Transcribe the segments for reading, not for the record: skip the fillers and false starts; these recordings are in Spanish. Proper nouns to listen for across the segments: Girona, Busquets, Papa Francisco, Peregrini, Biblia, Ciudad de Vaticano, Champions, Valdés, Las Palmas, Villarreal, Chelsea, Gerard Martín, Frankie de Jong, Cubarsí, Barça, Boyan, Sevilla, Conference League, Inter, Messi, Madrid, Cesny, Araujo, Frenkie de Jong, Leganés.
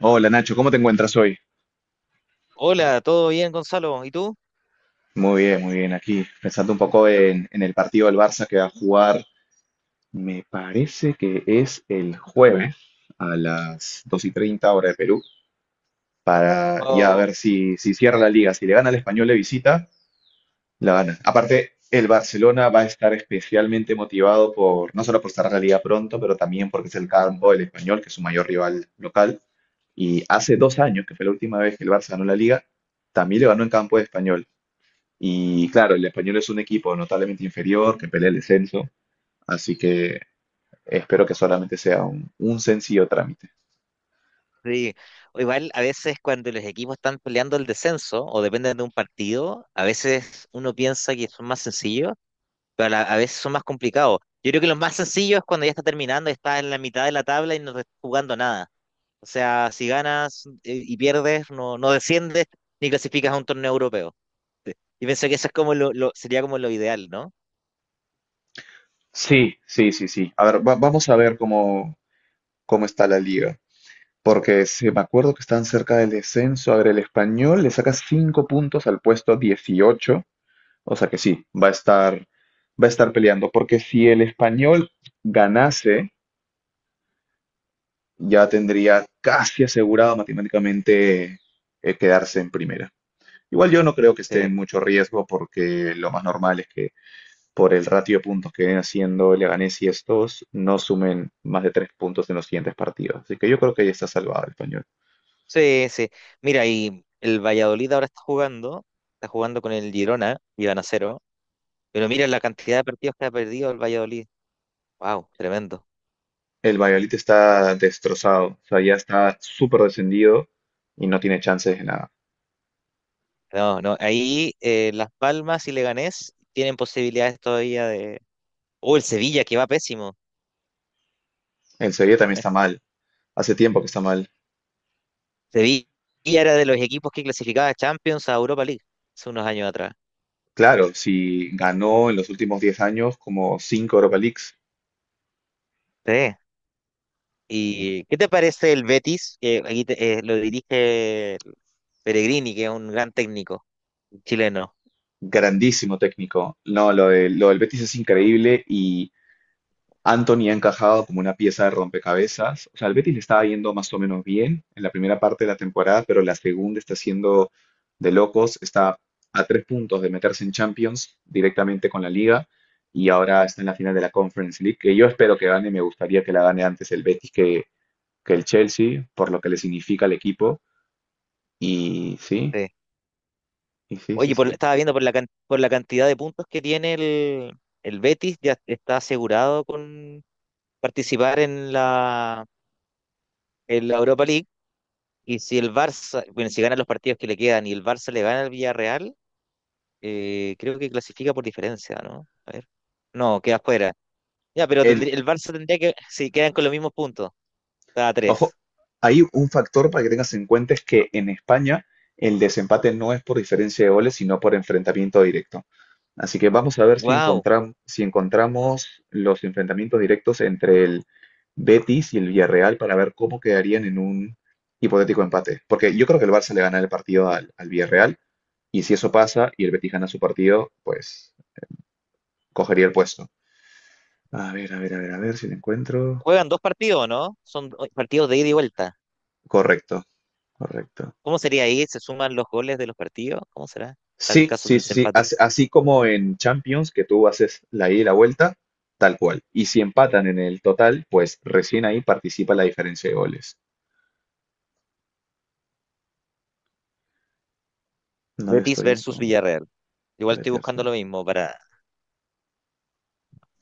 Hola Nacho, ¿cómo te encuentras hoy? Hola, ¿todo bien, Gonzalo? ¿Y tú? Muy bien, muy bien. Aquí pensando un poco en el partido del Barça que va a jugar, me parece que es el jueves a las 2:30 hora de Perú, para ya Oh, ver si cierra la liga. Si le gana al Español de visita, la gana. Aparte, el Barcelona va a estar especialmente motivado por, no solo por cerrar la liga pronto, pero también porque es el campo del Español, que es su mayor rival local. Y hace 2 años, que fue la última vez que el Barça ganó la liga, también le ganó en campo de Español. Y claro, el español es un equipo notablemente inferior que pelea el descenso, así que espero que solamente sea un sencillo trámite. sí. O igual, a veces cuando los equipos están peleando el descenso o dependen de un partido, a veces uno piensa que son más sencillos, pero a veces son más complicados. Yo creo que los más sencillos es cuando ya está terminando, está en la mitad de la tabla y no está jugando nada. O sea, si ganas y pierdes, no, no desciendes ni clasificas a un torneo europeo. Sí. Y pienso que eso es como sería como lo ideal, ¿no? Sí, sí, sí, sí. A ver, vamos a ver cómo, cómo está la liga, porque si me acuerdo que están cerca del descenso. A ver, el español le saca 5 puntos al puesto 18, o sea que sí, va a estar peleando, porque si el español ganase, ya tendría casi asegurado matemáticamente quedarse en primera. Igual yo no creo que esté Sí. en mucho riesgo porque lo más normal es que por el ratio de puntos que vienen haciendo Leganés y estos no sumen más de 3 puntos en los siguientes partidos. Así que yo creo que ya está salvado el español. Sí, sí. Mira, y el Valladolid ahora está jugando con el Girona y van a cero. Pero mira la cantidad de partidos que ha perdido el Valladolid. Wow, tremendo. El Valladolid está destrozado, o sea, ya está súper descendido y no tiene chances de nada. No, no, ahí Las Palmas y Leganés tienen posibilidades todavía de. Oh, el Sevilla que va pésimo. El Sevilla también está mal, hace tiempo que está mal. Sevilla era de los equipos que clasificaba a Champions a Europa League hace unos años atrás. Claro, si ganó en los últimos 10 años como 5 Europa Leagues, Sí. ¿Y qué te parece el Betis? Que aquí lo dirige Peregrini, que es un gran técnico chileno. grandísimo técnico. No, lo del Betis es increíble y Anthony ha encajado como una pieza de rompecabezas. O sea, el Betis le estaba yendo más o menos bien en la primera parte de la temporada, pero la segunda está siendo de locos. Está a 3 puntos de meterse en Champions directamente con la Liga y ahora está en la final de la Conference League, que yo espero que gane. Me gustaría que la gane antes el Betis que el Chelsea, por lo que le significa al equipo. Y sí, Sí. y sí, sí, Oye, sí. estaba viendo por por la cantidad de puntos que tiene el Betis, ya está asegurado con participar en en la Europa League. Y si el Barça, bueno, si gana los partidos que le quedan y el Barça le gana al Villarreal, creo que clasifica por diferencia, ¿no? A ver. No, queda fuera. Ya, pero El el Barça tendría que, si quedan con los mismos puntos, está a Ojo, tres. hay un factor para que tengas en cuenta es que en España el desempate no es por diferencia de goles, sino por enfrentamiento directo. Así que vamos a ver si Wow. Si encontramos los enfrentamientos directos entre el Betis y el Villarreal para ver cómo quedarían en un hipotético empate. Porque yo creo que el Barça le gana el partido al Villarreal y si eso pasa y el Betis gana su partido, pues cogería el puesto. A ver, a ver, a ver, a ver si lo encuentro. Juegan dos partidos, ¿no? Son partidos de ida y vuelta. Correcto, correcto. ¿Cómo sería ahí? ¿Se suman los goles de los partidos? ¿Cómo será? Tal el Sí, caso del sí, sí, sí. desempate. Así, como en Champions, que tú haces la ida y la vuelta, tal cual. Y si empatan en el total, pues recién ahí participa la diferencia de goles. No le Betis estoy en versus con... Villarreal. Igual estoy vete. buscando lo mismo para.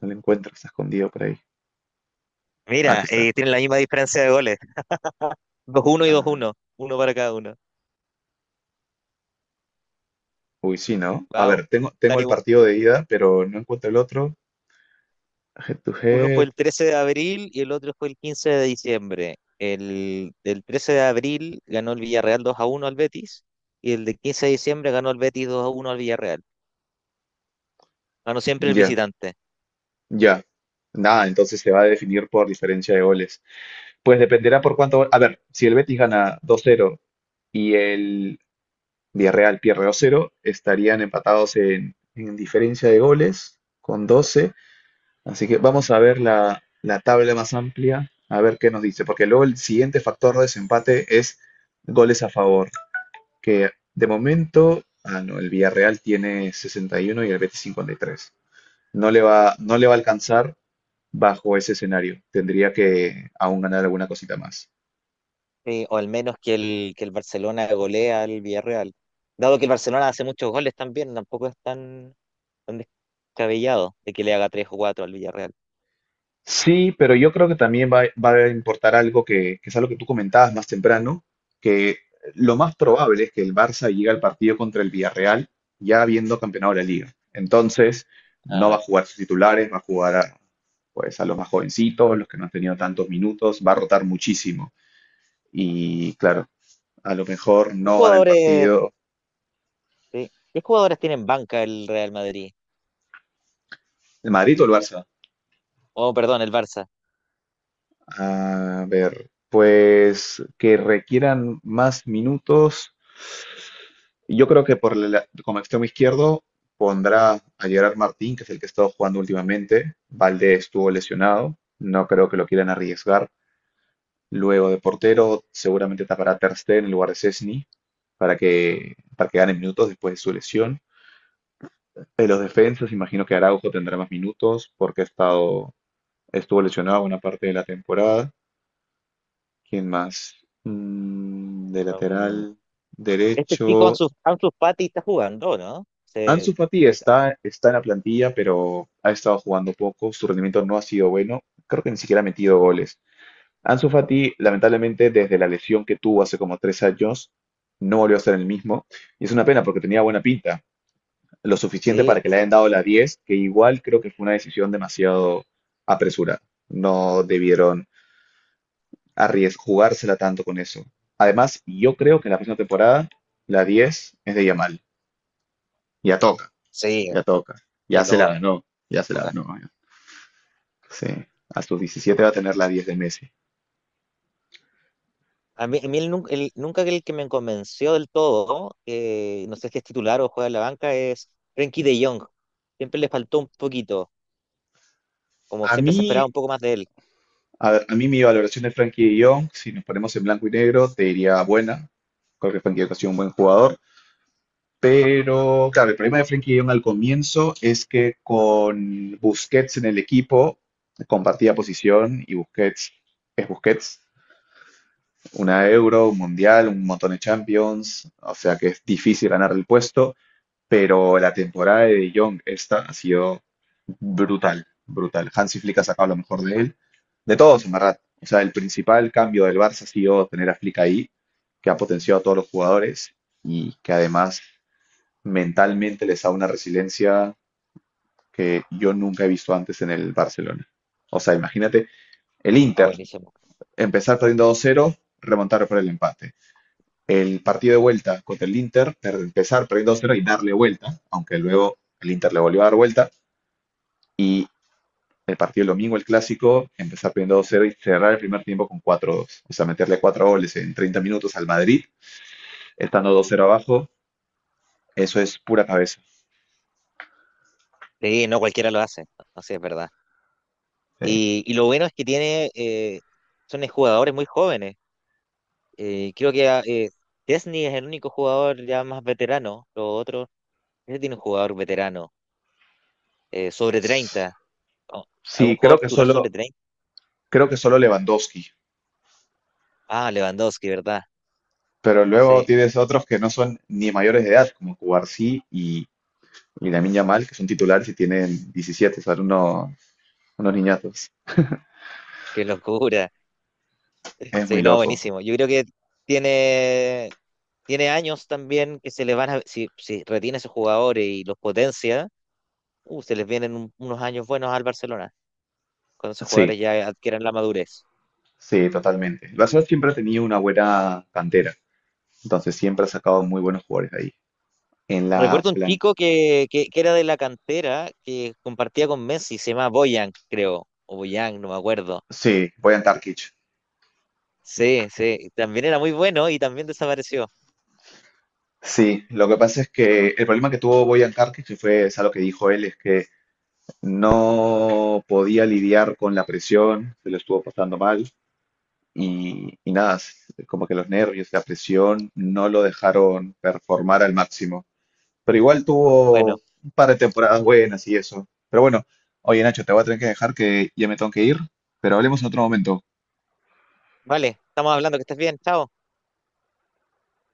No le encuentro, está escondido por ahí. Ah, Mira, aquí está. Tienen la misma diferencia de goles. Dos uno y dos Ah, uno. Uno para cada uno. uy, sí, ¿no? A ver, Wow. tengo, tengo Están el igual- partido de ida, pero no encuentro el otro. Head to Uno fue head. el 13 de abril y el otro fue el 15 de diciembre. El 13 de abril ganó el Villarreal dos a uno al Betis y el de 15 de diciembre ganó el Betis dos a uno al Villarreal. Ganó siempre el Ya, visitante. ya. Nada, entonces se va a definir por diferencia de goles. Pues dependerá por cuánto. A ver, si el Betis gana dos cero y el Villarreal pierde 2-0, estarían empatados en diferencia de goles con 12. Así que vamos a ver la tabla más amplia, a ver qué nos dice, porque luego el siguiente factor de desempate es goles a favor, que de momento, ah, no, el Villarreal tiene 61 y uno y el Betis 53. No le va, no le va a alcanzar bajo ese escenario. Tendría que aún ganar alguna cosita más. Sí, o al menos que que el Barcelona golea al Villarreal. Dado que el Barcelona hace muchos goles también, tampoco es tan tan descabellado de que le haga tres o cuatro al Villarreal. Sí, pero yo creo que también va, va a importar algo que es algo que tú comentabas más temprano, que lo más probable es que el Barça llegue al partido contra el Villarreal ya habiendo campeonado la liga. Entonces, no va a Ah. jugar sus titulares, va a jugar pues, a los más jovencitos, los que no han tenido tantos minutos, va a rotar muchísimo. Y claro, a lo mejor ¿Qué no gana el jugadores, partido sí, qué jugadores tienen banca el Real Madrid? el Madrid o el Barça. Oh, perdón, el Barça. A ver, pues que requieran más minutos. Yo creo que por el, como extremo izquierdo pondrá a Gerard Martín, que es el que ha estado jugando últimamente. Valdés estuvo lesionado, no creo que lo quieran arriesgar. Luego de portero, seguramente tapará Ter Stegen en lugar de Cesny para que gane minutos después de su lesión. En los defensas, imagino que Araujo tendrá más minutos porque ha estado, estuvo lesionado una parte de la temporada. ¿Quién más? Mm, de Um, lateral este chico derecho, Ansu Fati está jugando, ¿no? Ansu Fati es- está en la plantilla, pero ha estado jugando poco, su rendimiento no ha sido bueno, creo que ni siquiera ha metido goles. Ansu Fati, lamentablemente, desde la lesión que tuvo hace como 3 años, no volvió a ser el mismo, y es una pena porque tenía buena pinta, lo suficiente sí, para que le sí, hayan dado la 10. Que igual creo que fue una decisión demasiado apresurada. No debieron arriesgar, jugársela tanto con eso. Además, yo creo que en la próxima temporada la 10 es de Yamal, ya toca. sí, Ya toca. Ya de se la todo. ganó. Ya se la Toca. ganó. Ya. Sí. A sus 17 va a tener la diez de Messi. A mí nunca el que me convenció del todo, no sé si es titular o juega en la banca, es Frenkie de Jong. Siempre le faltó un poquito, como A siempre se mí, esperaba un poco más de él. a ver, a mí mi valoración de Frankie de Jong, si nos ponemos en blanco y negro, te diría buena. Creo que Frankie de Jong ha sido un buen jugador. Pero, claro, el problema de Frankie de Jong al comienzo es que con Busquets en el equipo compartía posición y Busquets es Busquets. Una Euro, un Mundial, un montón de Champions. O sea que es difícil ganar el puesto. Pero la temporada de De Jong esta ha sido brutal, brutal. Hansi Flick ha sacado lo mejor de él, de todos en verdad. O sea, el principal cambio del Barça ha sido tener a Flick ahí, que ha potenciado a todos los jugadores y que además mentalmente les da una resiliencia que yo nunca he visto antes en el Barcelona. O sea, imagínate el Ah, Inter buenísimo. empezar perdiendo 2-0, remontar por el empate. El partido de vuelta contra el Inter, empezar perdiendo 2-0 y darle vuelta, aunque luego el Inter le volvió a dar vuelta. Y el partido el domingo, el clásico, empezar perdiendo 2-0 y cerrar el primer tiempo con cuatro 2. O sea, meterle 4 goles en 30 minutos al Madrid, estando 2-0 abajo, eso es pura cabeza. Sí, no cualquiera lo hace, no sé, es verdad. Eh, Y lo bueno es que tiene, son jugadores muy jóvenes. Creo que Chesney es el único jugador ya más veterano. Los otros, ese tiene un jugador veterano, sobre 30. Oh, ¿algún Sí, jugador titular sobre 30? creo que solo Lewandowski, Ah, Lewandowski, ¿verdad? pero luego Sí, tienes otros que no son ni mayores de edad, como Cubarsí y Lamine Yamal, que son titulares y tienen 17, son unos, unos niñatos. qué locura. Es muy Sí, no, loco. buenísimo. Yo creo que tiene, tiene años también que se le van a, si retiene a esos jugadores y los potencia, se les vienen unos años buenos al Barcelona, cuando esos Sí, jugadores ya adquieran la madurez. sí, totalmente. El Barcelona siempre ha tenido una buena cantera. Entonces siempre ha sacado muy buenos jugadores ahí. En la Recuerdo un plan... chico que era de la cantera, que compartía con Messi, se llama Boyan, creo, o Boyan, no me acuerdo. Sí, Bojan Tarkic. Sí, sí, también era muy bueno y también desapareció. Sí, lo que pasa es que el problema que tuvo Bojan Tarkic, y fue es algo que dijo él, es que no podía lidiar con la presión, se lo estuvo pasando mal. Y nada, como que los nervios, la presión no lo dejaron performar al máximo. Pero igual tuvo Bueno, un par de temporadas buenas y eso. Pero bueno, oye Nacho, te voy a tener que dejar que ya me tengo que ir, pero hablemos en otro momento. vale, estamos hablando, que estés bien, chao.